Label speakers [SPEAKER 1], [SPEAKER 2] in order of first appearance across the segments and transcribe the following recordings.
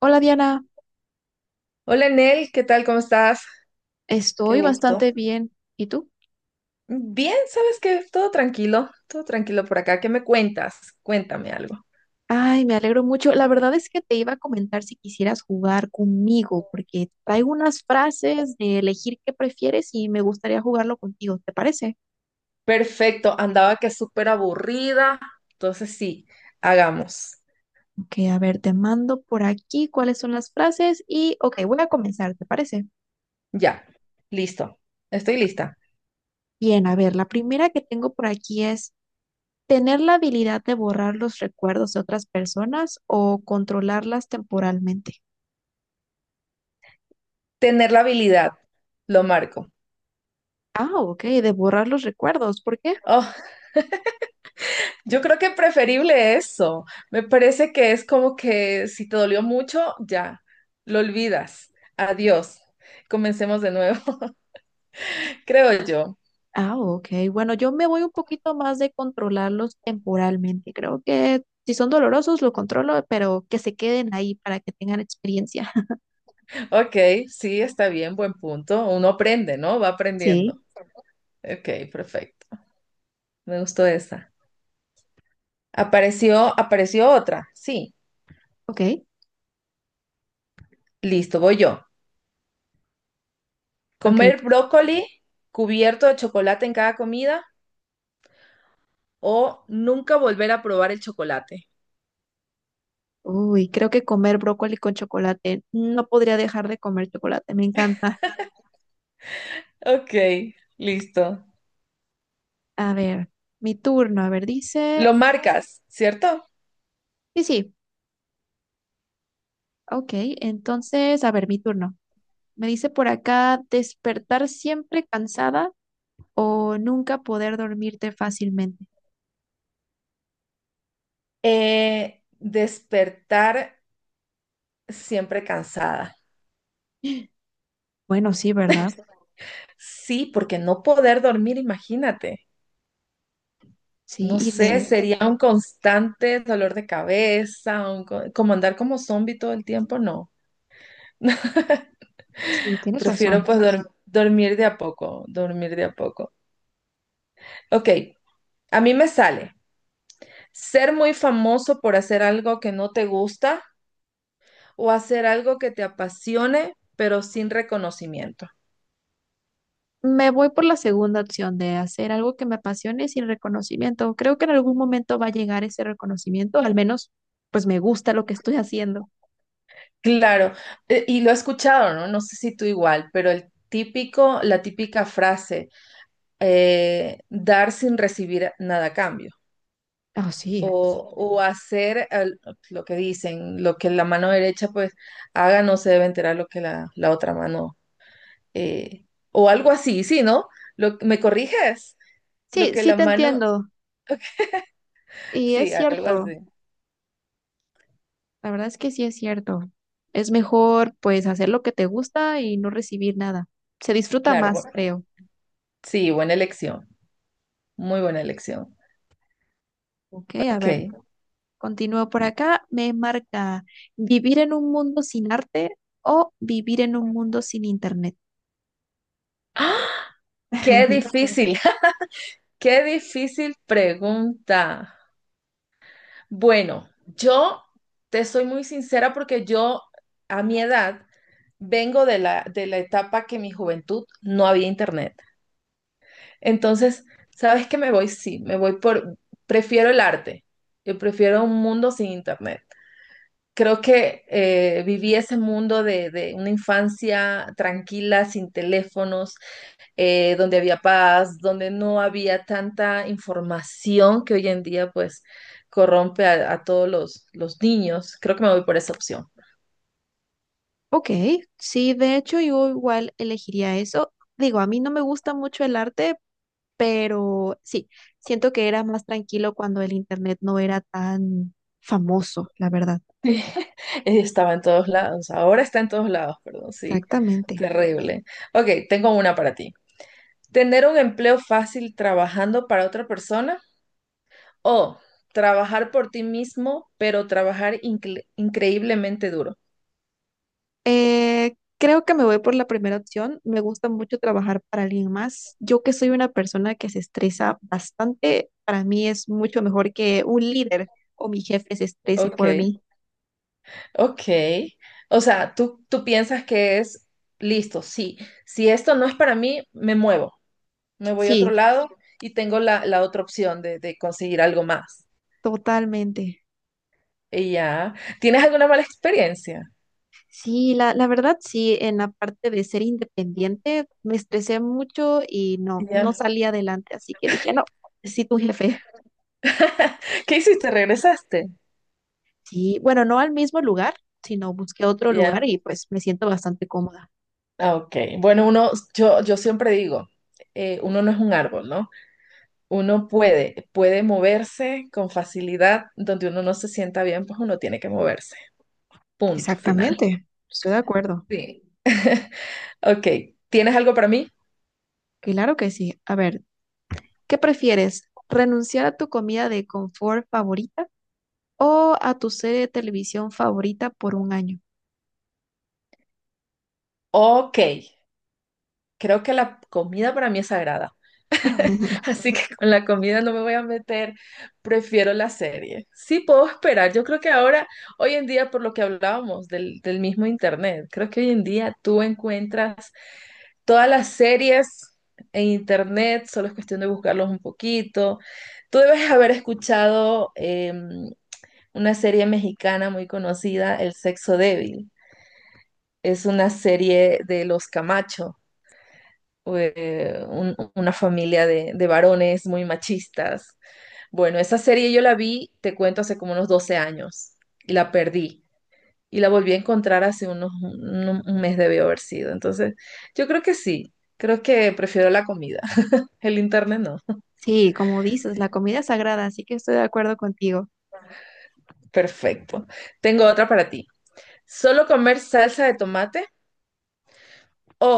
[SPEAKER 1] Hola Diana,
[SPEAKER 2] Hola Nel, ¿qué tal? ¿Cómo estás? Qué
[SPEAKER 1] estoy
[SPEAKER 2] gusto.
[SPEAKER 1] bastante bien. ¿Y tú?
[SPEAKER 2] Bien, ¿sabes qué? Todo tranquilo por acá. ¿Qué me cuentas? Cuéntame algo.
[SPEAKER 1] Ay, me alegro mucho. La verdad es que te iba a comentar si quisieras jugar conmigo, porque traigo unas frases de elegir qué prefieres y me gustaría jugarlo contigo, ¿te parece?
[SPEAKER 2] Perfecto, andaba que súper aburrida. Entonces sí, hagamos.
[SPEAKER 1] Ok, a ver, te mando por aquí cuáles son las frases y, ok, voy a comenzar, ¿te parece?
[SPEAKER 2] Ya, listo. Estoy lista.
[SPEAKER 1] Bien, a ver, la primera que tengo por aquí es tener la habilidad de borrar los recuerdos de otras personas o controlarlas temporalmente.
[SPEAKER 2] Tener la habilidad, lo marco.
[SPEAKER 1] Ah, ok, de borrar los recuerdos, ¿por qué?
[SPEAKER 2] Oh, yo creo que preferible eso. Me parece que es como que si te dolió mucho, ya, lo olvidas. Adiós. Comencemos de nuevo, creo yo.
[SPEAKER 1] Ah, ok. Bueno, yo me voy un poquito más de controlarlos temporalmente. Creo que si son dolorosos, lo controlo, pero que se queden ahí para que tengan experiencia.
[SPEAKER 2] Ok, sí, está bien, buen punto. Uno aprende, ¿no? Va aprendiendo.
[SPEAKER 1] Sí,
[SPEAKER 2] Ok, perfecto. Me gustó esa. Apareció otra. Sí,
[SPEAKER 1] ok,
[SPEAKER 2] listo, voy yo.
[SPEAKER 1] ok.
[SPEAKER 2] Comer brócoli cubierto de chocolate en cada comida o nunca volver a probar el chocolate.
[SPEAKER 1] Uy, creo que comer brócoli con chocolate. No podría dejar de comer chocolate, me encanta.
[SPEAKER 2] Ok, listo.
[SPEAKER 1] A ver, mi turno. A ver, dice.
[SPEAKER 2] Lo marcas, ¿cierto?
[SPEAKER 1] Sí, sí, ok. Entonces, a ver, mi turno. Me dice por acá despertar siempre cansada o nunca poder dormirte fácilmente.
[SPEAKER 2] Despertar siempre cansada.
[SPEAKER 1] Bueno, sí, ¿verdad?
[SPEAKER 2] Sí, porque no poder dormir, imagínate.
[SPEAKER 1] Sí,
[SPEAKER 2] No sé, sería un constante dolor de cabeza, un como andar como zombie todo el tiempo, no.
[SPEAKER 1] sí, tienes
[SPEAKER 2] Prefiero
[SPEAKER 1] razón.
[SPEAKER 2] pues dormir de a poco, dormir de a poco. Ok, a mí me sale ser muy famoso por hacer algo que no te gusta o hacer algo que te apasione, pero sin reconocimiento.
[SPEAKER 1] Me voy por la segunda opción de hacer algo que me apasione sin reconocimiento. Creo que en algún momento va a llegar ese reconocimiento, al menos pues me gusta lo que estoy haciendo.
[SPEAKER 2] Claro, y lo he escuchado, ¿no? No sé si tú igual, pero el típico, la típica frase, dar sin recibir nada a cambio.
[SPEAKER 1] Oh, sí.
[SPEAKER 2] O hacer lo que dicen, lo que la mano derecha pues haga, no se debe enterar lo que la otra mano, eh, o algo así, sí, ¿no? Lo, ¿me corriges? Lo
[SPEAKER 1] Sí,
[SPEAKER 2] que
[SPEAKER 1] sí
[SPEAKER 2] la
[SPEAKER 1] te
[SPEAKER 2] mano,
[SPEAKER 1] entiendo. Y
[SPEAKER 2] sí,
[SPEAKER 1] es
[SPEAKER 2] algo
[SPEAKER 1] cierto,
[SPEAKER 2] así,
[SPEAKER 1] la verdad es que sí es cierto. Es mejor pues hacer lo que te gusta y no recibir nada. Se disfruta
[SPEAKER 2] claro,
[SPEAKER 1] más,
[SPEAKER 2] bueno,
[SPEAKER 1] creo.
[SPEAKER 2] sí, buena elección, muy buena elección.
[SPEAKER 1] Ok, a
[SPEAKER 2] Ok,
[SPEAKER 1] ver, continúo por acá. Me marca vivir en un mundo sin arte o vivir en un mundo sin internet.
[SPEAKER 2] qué difícil, qué difícil pregunta. Bueno, yo te soy muy sincera porque yo a mi edad vengo de la etapa que en mi juventud no había internet. Entonces, ¿sabes qué me voy? Sí, me voy por, prefiero el arte, yo prefiero un mundo sin internet. Creo que viví ese mundo de una infancia tranquila, sin teléfonos, donde había paz, donde no había tanta información que hoy en día pues corrompe a todos los niños. Creo que me voy por esa opción.
[SPEAKER 1] Ok, sí, de hecho yo igual elegiría eso. Digo, a mí no me gusta mucho el arte, pero sí, siento que era más tranquilo cuando el internet no era tan famoso, la verdad.
[SPEAKER 2] Estaba en todos lados, ahora está en todos lados, perdón, sí,
[SPEAKER 1] Exactamente.
[SPEAKER 2] terrible. Ok, tengo una para ti. ¿Tener un empleo fácil trabajando para otra persona o trabajar por ti mismo, pero trabajar increíblemente duro?
[SPEAKER 1] Creo que me voy por la primera opción. Me gusta mucho trabajar para alguien más. Yo que soy una persona que se estresa bastante, para mí es mucho mejor que un líder o mi jefe se estrese
[SPEAKER 2] Ok.
[SPEAKER 1] por mí.
[SPEAKER 2] Ok, o sea, tú piensas que es listo, sí, si esto no es para mí, me muevo, me voy a otro
[SPEAKER 1] Sí,
[SPEAKER 2] lado y tengo la otra opción de conseguir algo más.
[SPEAKER 1] totalmente.
[SPEAKER 2] Y ya, ¿tienes alguna mala experiencia?
[SPEAKER 1] Sí, la verdad sí, en la parte de ser independiente me estresé mucho y no
[SPEAKER 2] Ya,
[SPEAKER 1] salí adelante, así que dije, no, sí, tu jefe.
[SPEAKER 2] ¿qué hiciste? ¿Regresaste?
[SPEAKER 1] Sí, bueno, no al mismo lugar, sino busqué otro lugar
[SPEAKER 2] Ya,
[SPEAKER 1] y pues me siento bastante cómoda.
[SPEAKER 2] ah, ok. Bueno, uno, yo siempre digo, uno no es un árbol, ¿no? Uno puede, puede moverse con facilidad, donde uno no se sienta bien, pues uno tiene que moverse, punto final.
[SPEAKER 1] Exactamente, estoy de acuerdo.
[SPEAKER 2] Sí. Ok, ¿tienes algo para mí?
[SPEAKER 1] Claro que sí. A ver, ¿qué prefieres? ¿Renunciar a tu comida de confort favorita o a tu serie de televisión favorita por un año?
[SPEAKER 2] Ok, creo que la comida para mí es sagrada, así que con la comida no me voy a meter, prefiero la serie. Sí, puedo esperar, yo creo que ahora, hoy en día, por lo que hablábamos del, del mismo internet, creo que hoy en día tú encuentras todas las series en internet, solo es cuestión de buscarlos un poquito. Tú debes haber escuchado em, una serie mexicana muy conocida, El Sexo Débil. Es una serie de los Camacho. Una familia de varones muy machistas. Bueno, esa serie yo la vi, te cuento, hace como unos 12 años y la perdí. Y la volví a encontrar hace unos, un mes debió haber sido. Entonces, yo creo que sí, creo que prefiero la comida. El internet no.
[SPEAKER 1] Sí, como dices, la comida es sagrada, así que estoy de acuerdo contigo.
[SPEAKER 2] Perfecto. Tengo otra para ti. ¿Solo comer salsa de tomate o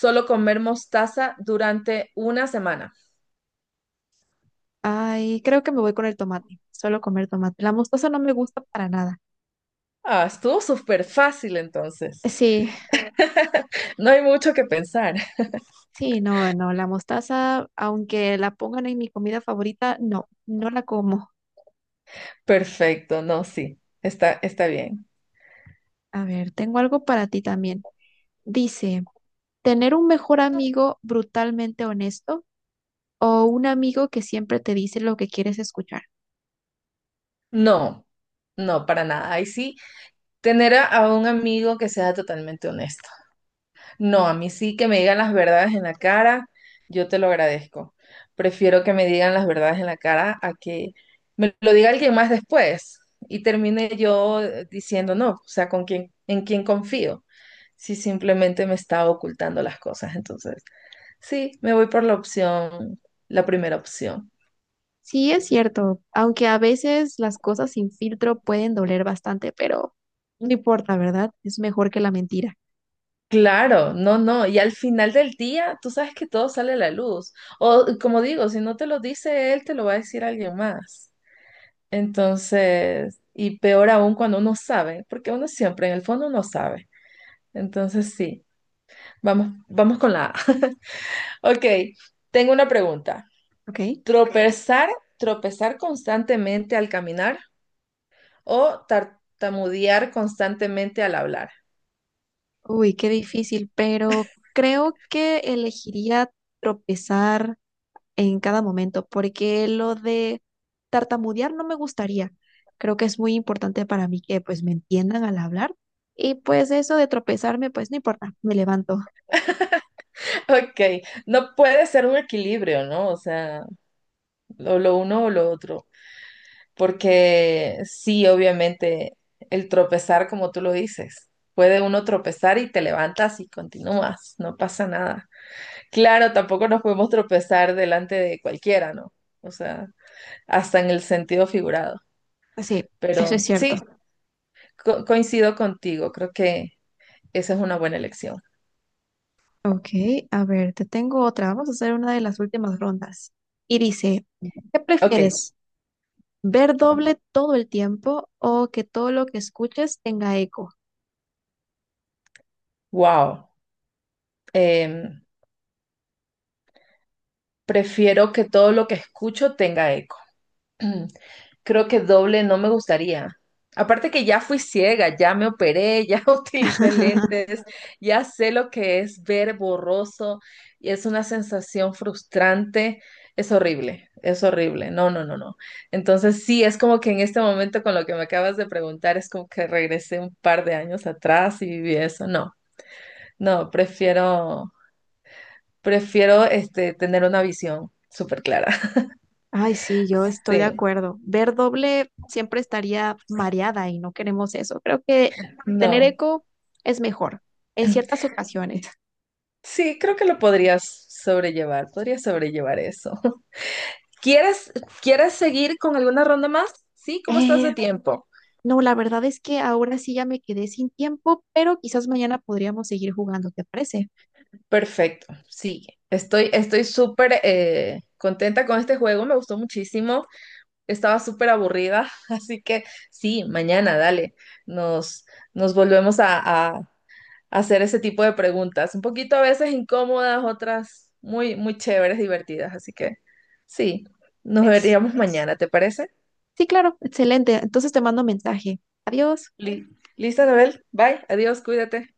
[SPEAKER 2] solo comer mostaza durante una semana?
[SPEAKER 1] Ay, creo que me voy con el tomate. Solo comer tomate. La mostaza no me gusta para nada.
[SPEAKER 2] Ah, estuvo súper fácil entonces.
[SPEAKER 1] Sí,
[SPEAKER 2] No hay mucho que pensar.
[SPEAKER 1] sí, no, no. La mostaza, aunque la pongan en mi comida favorita, no, no la como.
[SPEAKER 2] Perfecto, no, sí, está, está bien.
[SPEAKER 1] A ver, tengo algo para ti también. Dice, tener un mejor amigo brutalmente honesto o un amigo que siempre te dice lo que quieres escuchar.
[SPEAKER 2] No, no, para nada. Ahí sí, tener a un amigo que sea totalmente honesto. No, a mí sí que me digan las verdades en la cara, yo te lo agradezco. Prefiero que me digan las verdades en la cara a que me lo diga alguien más después y termine yo diciendo no, o sea, con quién, en quién confío, si simplemente me está ocultando las cosas. Entonces, sí, me voy por la opción, la primera opción.
[SPEAKER 1] Sí, es cierto, aunque a veces las cosas sin filtro pueden doler bastante, pero no importa, ¿verdad? Es mejor que la mentira,
[SPEAKER 2] Claro, no, no, y al final del día tú sabes que todo sale a la luz. O como digo, si no te lo dice él, te lo va a decir alguien más. Entonces, y peor aún cuando uno sabe, porque uno siempre en el fondo uno sabe. Entonces sí, vamos, vamos con la A. Ok, tengo una pregunta.
[SPEAKER 1] ¿ok?
[SPEAKER 2] ¿Tropezar, tropezar constantemente al caminar o tartamudear constantemente al hablar?
[SPEAKER 1] Uy, qué difícil, pero creo que elegiría tropezar en cada momento, porque lo de tartamudear no me gustaría. Creo que es muy importante para mí que pues me entiendan al hablar y pues eso de tropezarme, pues no importa, me levanto.
[SPEAKER 2] Ok, no puede ser un equilibrio, ¿no? O sea, o lo uno o lo otro. Porque sí, obviamente, el tropezar, como tú lo dices, puede uno tropezar y te levantas y continúas, no pasa nada. Claro, tampoco nos podemos tropezar delante de cualquiera, ¿no? O sea, hasta en el sentido figurado.
[SPEAKER 1] Pues sí, eso es
[SPEAKER 2] Pero sí,
[SPEAKER 1] cierto.
[SPEAKER 2] coincido contigo, creo que esa es una buena elección.
[SPEAKER 1] Ok, a ver, te tengo otra. Vamos a hacer una de las últimas rondas. Y dice, ¿qué
[SPEAKER 2] Ok,
[SPEAKER 1] prefieres? ¿Ver doble todo el tiempo o que todo lo que escuches tenga eco?
[SPEAKER 2] wow. Em, prefiero que todo lo que escucho tenga eco. Creo que doble no me gustaría. Aparte que ya fui ciega, ya me operé, ya utilicé lentes, ya sé lo que es ver borroso y es una sensación frustrante. Es horrible, es horrible. No, no, no, no. Entonces sí, es como que en este momento con lo que me acabas de preguntar, es como que regresé un par de años atrás y viví eso. No, no, prefiero, prefiero este, tener una visión súper clara.
[SPEAKER 1] Ay, sí, yo estoy de
[SPEAKER 2] Sí,
[SPEAKER 1] acuerdo. Ver doble siempre estaría mareada y no queremos eso. Creo que tener
[SPEAKER 2] no.
[SPEAKER 1] eco es mejor en ciertas ocasiones.
[SPEAKER 2] Sí, creo que lo podrías sobrellevar eso. ¿Quieres, quieres seguir con alguna ronda más? Sí, ¿cómo estás de
[SPEAKER 1] Eh,
[SPEAKER 2] tiempo?
[SPEAKER 1] no, la verdad es que ahora sí ya me quedé sin tiempo, pero quizás mañana podríamos seguir jugando, ¿te parece?
[SPEAKER 2] Perfecto, sigue. Estoy, estoy súper contenta con este juego, me gustó muchísimo. Estaba súper aburrida, así que sí, mañana, dale, nos, nos volvemos a, a- a hacer ese tipo de preguntas. Un poquito a veces incómodas, otras muy, muy chéveres, divertidas, así que sí, nos veríamos mañana, ¿te parece?
[SPEAKER 1] Sí, claro, excelente. Entonces te mando mensaje. Adiós.
[SPEAKER 2] Li- Listo, Anabel. Bye. Adiós. Cuídate.